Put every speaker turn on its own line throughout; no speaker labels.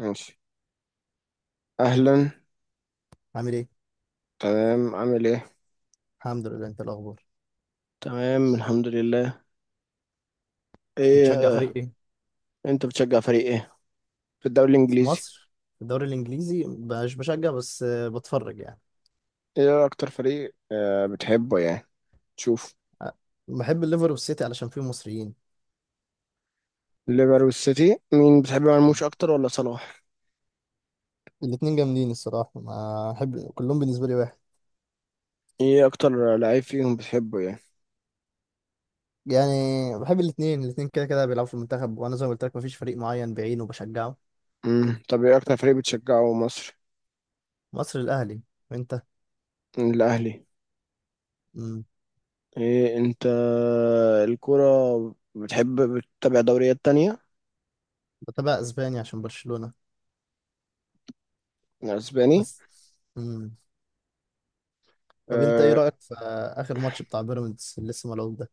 ماشي. اهلا.
عامل ايه؟
تمام، عامل ايه.
الحمد لله. انت الاخبار؟
تمام الحمد لله. ايه
بتشجع فريق
آه.
ايه؟
انت بتشجع فريق ايه في الدوري
في
الانجليزي؟
مصر. في الدوري الانجليزي مش بشجع، بس بتفرج يعني.
ايه اكتر فريق بتحبه يعني تشوف؟
آه، بحب الليفر والسيتي علشان فيهم مصريين.
ليفر والسيتي، مين بتحب مرموش اكتر ولا صلاح؟
الاتنين جامدين الصراحة، ما أحب كلهم، بالنسبة لي واحد.
ايه اكتر لعيب فيهم بتحبه يعني؟
يعني بحب الاتنين، الاتنين كده كده بيلعبوا في المنتخب، وأنا زي ما قلت لك مفيش فريق معين بعينه بشجعه.
طب ايه اكتر فريق بتشجعه مصر؟
مصر الأهلي. وأنت؟
الاهلي.
مم.
ايه انت الكرة بتحب بتتابع دوريات تانية؟
بتابع أسباني عشان برشلونة
اسباني.
بس. مم. طب أنت إيه
آه.
رأيك في آخر ماتش بتاع بيراميدز اللي لسه ملعوب ده؟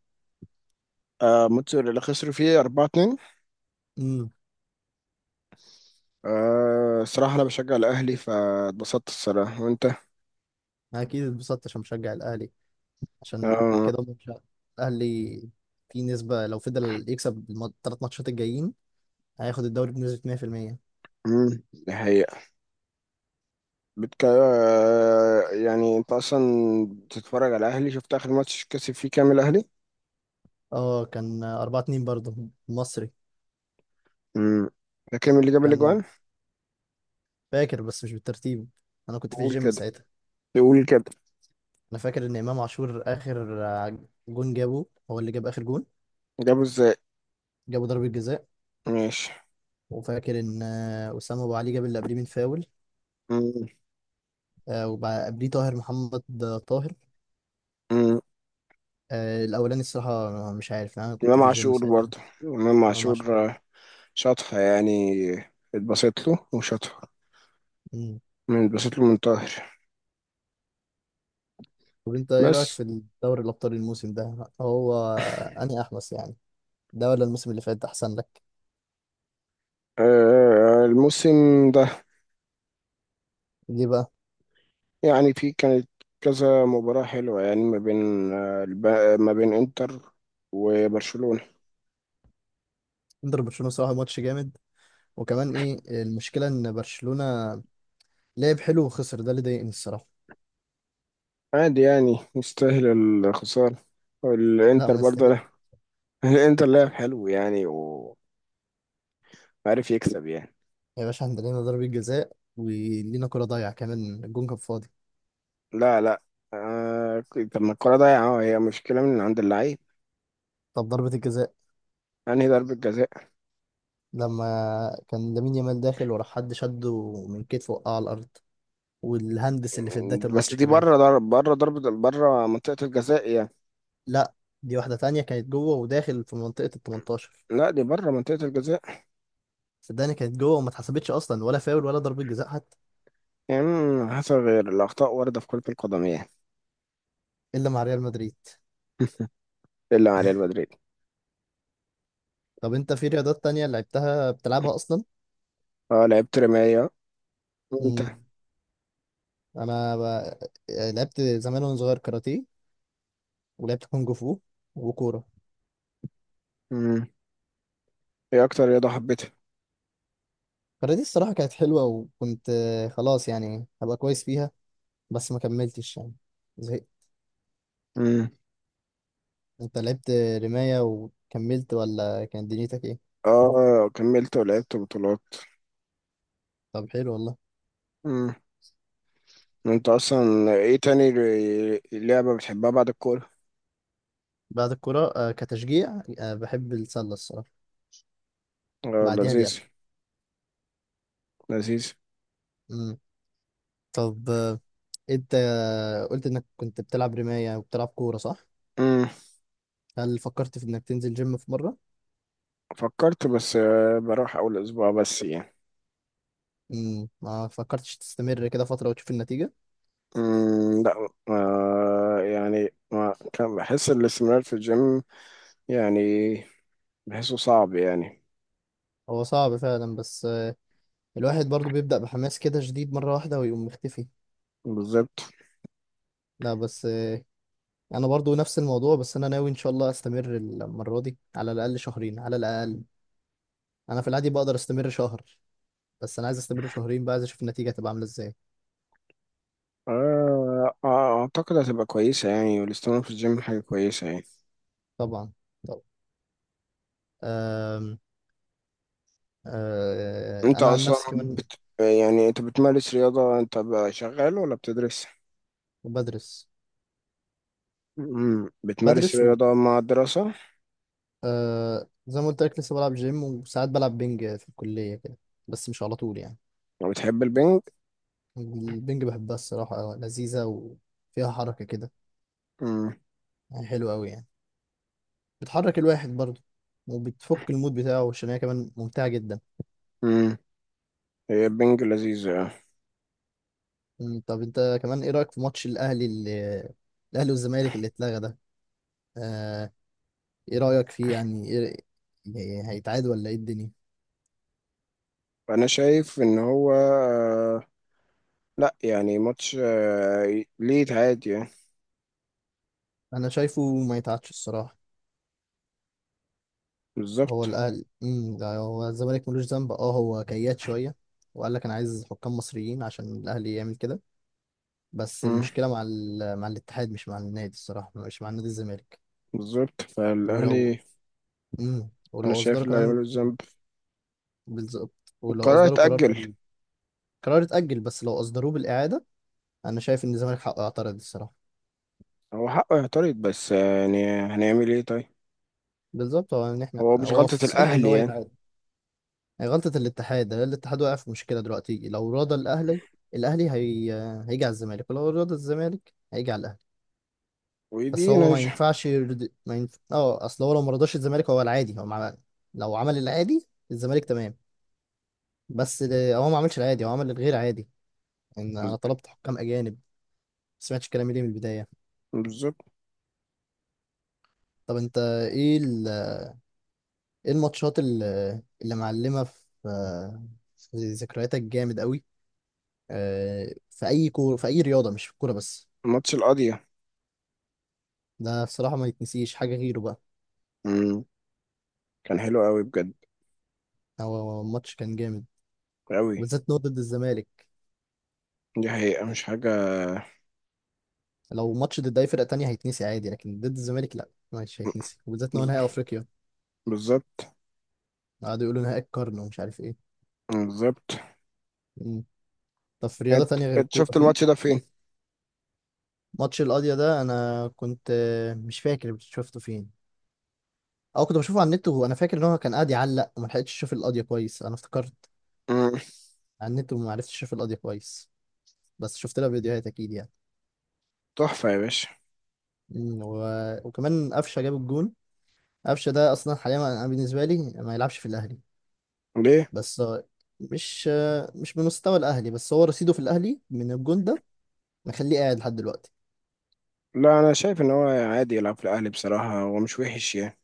آه. ماتش اللي خسروا فيه 4-2.
مم.
أه صراحة أنا بشجع الأهلي فاتبسطت الصراحة، وأنت؟
أكيد اتبسطت عشان بشجع الأهلي، عشان
أه.
كده ماتش الاهلي في نسبه لو فضل يكسب 3 ماتشات الجايين هياخد الدوري بنسبه 100%.
دي حقيقة. بتك... أه يعني أنت أصلا بتتفرج على الأهلي، شفت آخر ماتش كسب فيه كام الأهلي؟
اه، كان 4-2 برضه مصري.
أمم، ده كام اللي جاب
كان
الأجوان؟
فاكر بس مش بالترتيب، انا كنت في
قول
الجيم
كده،
ساعتها.
قول كده.
انا فاكر ان امام عاشور اخر جون جابه، هو اللي جاب اخر جون.
جابه إزاي؟
جابه ضربه جزاء.
ماشي.
وفاكر ان اسامه ابو علي جاب اللي قبليه من فاول.
أمم،
قبليه طاهر محمد. طاهر
أمم.
الاولاني الصراحه مش عارف، انا كنت
إمام
في الجيم
عاشور
ساعتها.
برضه، إمام
امام عاشور.
عاشور آه، شاطها يعني، اتبسط له وشاطها. من اتبسط له من طاهر؟
طب انت ايه رايك
بس
في دوري الابطال الموسم ده؟ هو اني احمس يعني، ده ولا الموسم اللي فات ده احسن لك؟
أه، الموسم ده
ليه بقى؟
يعني في كانت كذا مباراة حلوة يعني ما بين ما بين انتر وبرشلونة.
انتر برشلونه صراحه ماتش جامد، وكمان ايه المشكله ان برشلونه لعب حلو وخسر، ده اللي ضايقني الصراحه.
عادي يعني يستاهل الخسارة،
لا
والانتر
ما
برضه
يستاهل.
لا. الانتر لعب حلو يعني وعارف يكسب يعني.
يا باشا عندنا لينا ضربه جزاء، ولينا كره ضايعه، كمان الجون كان فاضي.
لا، آه. طب ما الكرة ضايعة، هي مشكلة من عند اللعيب
طب ضربه الجزاء
يعني. ضربة جزاء؟
لما كان لامين يامال داخل ورا، حد شده من كتفه وقع على الارض، والهندس اللي في بدايه
بس
الماتش
دي
كمان.
بره، ضربة بره منطقة الجزاء يعني.
لا، دي واحده تانية كانت جوه وداخل في منطقه ال 18.
لا دي بره منطقة الجزاء.
صدقني كانت جوه وما اتحسبتش اصلا، ولا فاول ولا ضربة جزاء حتى.
يعني حصل، غير الأخطاء واردة في كرة القدم يعني.
الا مع ريال مدريد.
إلا على ريال مدريد.
طب انت في رياضات تانية لعبتها بتلعبها اصلا؟
اه لعبت رماية، وانت؟
امم، انا ب... يعني لعبت زمان وانا صغير كاراتيه، ولعبت كونج فو وكورة.
مم. ايه اكتر رياضة حبيتها؟
الكاراتيه الصراحة كانت حلوة، وكنت خلاص يعني هبقى كويس فيها، بس ما كملتش يعني، زهقت.
مم.
انت لعبت رماية وكملت ولا كانت دنيتك ايه؟
اه كملت ولعبت بطولات.
طب حلو والله.
مم. انت اصلا ايه تاني لعبة بتحبها بعد الكورة؟
بعد الكورة كتشجيع بحب السلة الصراحة،
اه
بعديها اليد.
لذيذ. لذيذ.
امم، طب انت قلت انك كنت بتلعب رماية وبتلعب كورة صح؟
مم.
هل فكرت في انك تنزل جيم في مرة؟
فكرت بس آه، بروح اول اسبوع بس يعني.
امم، ما فكرتش تستمر كده فترة وتشوف النتيجة؟
مم. لا آه يعني ما كان بحس الاستمرار في الجيم يعني، بحسه صعب يعني.
هو صعب فعلا، بس الواحد برضو بيبدأ بحماس كده شديد مرة واحدة، ويقوم مختفي.
بالظبط.
لا بس انا برضو نفس الموضوع، بس انا ناوي ان شاء الله استمر المرة دي على الاقل شهرين على الاقل. انا في العادي بقدر استمر شهر، بس انا عايز استمر شهرين بقى، عايز اشوف النتيجة تبقى عاملة ازاي.
آه آه، اعتقد هتبقى كويسة يعني، والاستمرار في الجيم حاجة كويسة يعني.
طبعا، طبعا. أم... انا عن نفسي كمان
يعني انت بتمارس رياضة، انت بقى شغال ولا بتدرس؟
بدرس.
مم. بتمارس
بدرس، و
رياضة مع الدراسة؟
آه زي ما قلت لك لسه بلعب جيم، وساعات بلعب بينج في الكلية كده، بس مش على طول يعني.
وبتحب البنج؟
البينج؟ بحبها الصراحة أوي، لذيذة وفيها حركة كده،
مم.
يعني حلوة أوي يعني. بتحرك الواحد برضه وبتفك المود بتاعه، عشان هي كمان ممتعة جدا.
مم. هي البنج لذيذ يعني.
مم، طب أنت كمان إيه رأيك في ماتش الأهلي والزمالك اللي اتلغى ده؟ آه، إيه رأيك فيه؟ يعني هيتعاد ولا إيه الدنيا؟
انا شايف ان هو آه، لا يعني ماتش آه، ليه عادي يعني.
أنا شايفه ما يتعادش الصراحة. هو
بالظبط.
الاهلي، امم، ده هو الزمالك ملوش ذنب. اه، هو كياد شويه وقال لك انا عايز حكام مصريين عشان الاهلي يعمل كده. بس
مم.
المشكله مع مع الاتحاد، مش مع النادي الصراحه، مش مع نادي الزمالك.
بالظبط
ولو
فالاهلي.
امم،
انا
ولو
شايف
اصدروا
اللي
كمان،
هيعمله الذنب.
بالظبط، ولو
القرار
اصدروا قرار
اتأجل.
قرار اتاجل، بس لو اصدروه بالاعاده انا شايف ان الزمالك حقه يعترض الصراحه.
هو حقه يعترض بس آه، يعني هنعمل ايه طيب.
بالظبط. هو ان احنا
هو مش
هو
غلطة
في صالح ان
الاهلي
هو
يعني.
يتعاد. هي غلطه الاتحاد، ده الاتحاد واقع في مشكله دلوقتي. لو راضى الاهلي، الاهلي هي... هيجي على الزمالك، ولو راضى الزمالك هيجي على الاهلي. بس
ودي انا
هو ما
مش-
ينفعش يرد... ما ينف... اه، اصل هو لو ما رضاش الزمالك هو العادي هو مع... لو عمل العادي الزمالك تمام، هو ما عملش العادي، هو عمل الغير عادي. ان انا طلبت حكام اجانب، ما سمعتش كلامي ليه من البدايه.
بالظبط.
طب انت ايه ال... ايه الماتشات ال- اللي معلمه في في ذكرياتك جامد قوي في اي رياضه، مش في الكوره بس.
ماتش القاضية.
ده بصراحه ما يتنسيش، حاجه غيره بقى.
امم، كان حلو قوي بجد.
هو ماتش كان جامد،
قوي.
وبالذات إن هو ضد الزمالك.
دي حقيقة مش حاجة.
لو ماتش ضد اي فرقه تانية هيتنسي عادي، لكن ضد الزمالك لا، مش هيتنسي، وبالذات ان هو
بز-
نهائي افريقيا.
بالظبط.
قعدوا يقولوا نهائي القرن ومش عارف ايه.
بالظبط.
مم. طب في رياضه
انت
تانية غير
انت
الكوره؟
شفت
في
الماتش ده فين؟
ماتش القاضيه ده، انا كنت مش فاكر شفته فين، او كنت بشوفه على النت، وانا فاكر ان هو كان قاعد يعلق وما لحقتش اشوف القاضيه كويس. انا افتكرت
مم.
على النت، وما عرفتش اشوف القاضيه كويس، بس شفت لها فيديوهات اكيد يعني.
تحفة يا باشا.
مم. و... وكمان قفشه جاب الجون. قفشه ده اصلا حاليا انا بالنسبه لي ما يلعبش في الاهلي.
ليه؟
بس مش بمستوى الاهلي، بس هو رصيده في الاهلي من الجون ده مخليه قاعد لحد دلوقتي.
لا أنا شايف إن هو عادي يلعب في الأهلي بصراحة، هو مش وحش يعني.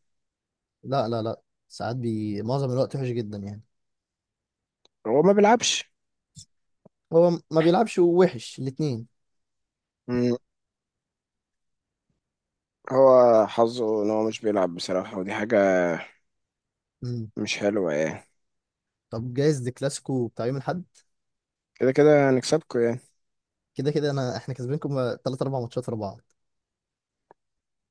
لا لا لا، ساعات بي معظم الوقت وحش جدا يعني.
هو ما بيلعبش.
ما بيلعبش وحش الاثنين.
مم. هو حظه إن هو مش بيلعب بصراحة، ودي حاجة مش حلوة يعني.
طب جايز دي كلاسيكو بتاع يوم الاحد،
كده كده هنكسبكوا يعني.
كده كده انا احنا كسبينكم 3 4 ماتشات ورا بعض.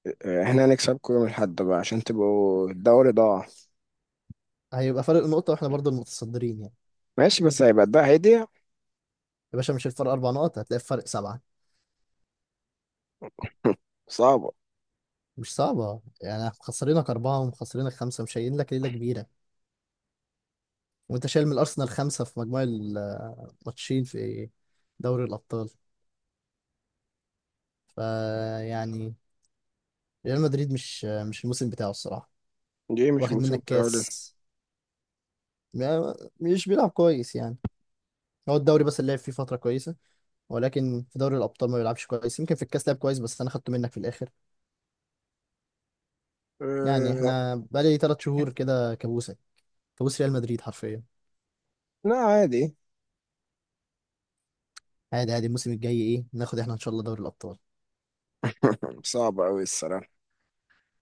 آه، احنا هنكسبكوا يوم الأحد بقى عشان تبقوا الدوري ضاع.
هيبقى فرق نقطة واحنا برضو المتصدرين يعني.
ماشي، بس هيبقى ده هيدي
يا باشا مش الفرق 4 نقط، هتلاقي الفرق 7.
صعبة.
مش صعبة يعني، مخسرينك 4 ومخسرينك 5، مش شايلين لك ليلة كبيرة. وانت شايل من الارسنال 5 في مجموع الماتشين في دوري الابطال. فيعني ريال مدريد مش الموسم بتاعه الصراحه،
دي مش
واخد
موسم
منك
الدوري.
كاس. مش بيلعب كويس يعني. هو الدوري بس اللي لعب فيه فتره كويسه، ولكن في دوري الابطال ما بيلعبش كويس. يمكن في الكاس لعب كويس، بس انا خدته منك في الاخر. يعني
أه.
احنا بقالي 3 شهور كده كابوسه، كابوس ريال مدريد حرفيا.
لا عادي.
عادي، عادي. الموسم الجاي ايه؟ ناخد احنا ان شاء الله دوري الابطال.
صعب أوي الصراحة.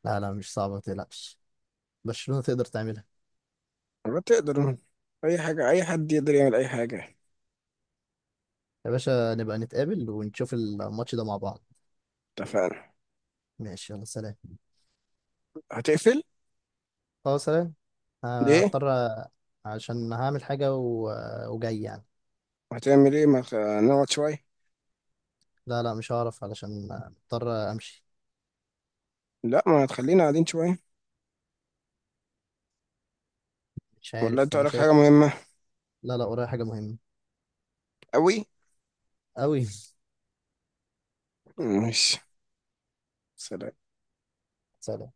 لا لا، مش صعبه، ما تقلقش، برشلونه تقدر تعملها.
بتقدر. أي حاجة، أي حد يقدر يعمل أي حاجة.
يا باشا نبقى نتقابل ونشوف الماتش ده مع بعض.
اتفقنا.
ماشي، يلا سلام.
هتقفل؟
اه سلام.
ليه؟
هضطر. عشان هعمل حاجة وجاي يعني.
هتعمل إيه؟ ما خ... نقعد شوية؟
لا لا مش هعرف، علشان مضطر امشي.
لا ما هتخلينا قاعدين شوية.
مش
ولا
عارف،
أنت
انا
وراك حاجة
شايف.
مهمة؟
لا لا ورايا حاجة مهمة.
أوي؟
أوي.
ماشي، سلام.
سلام.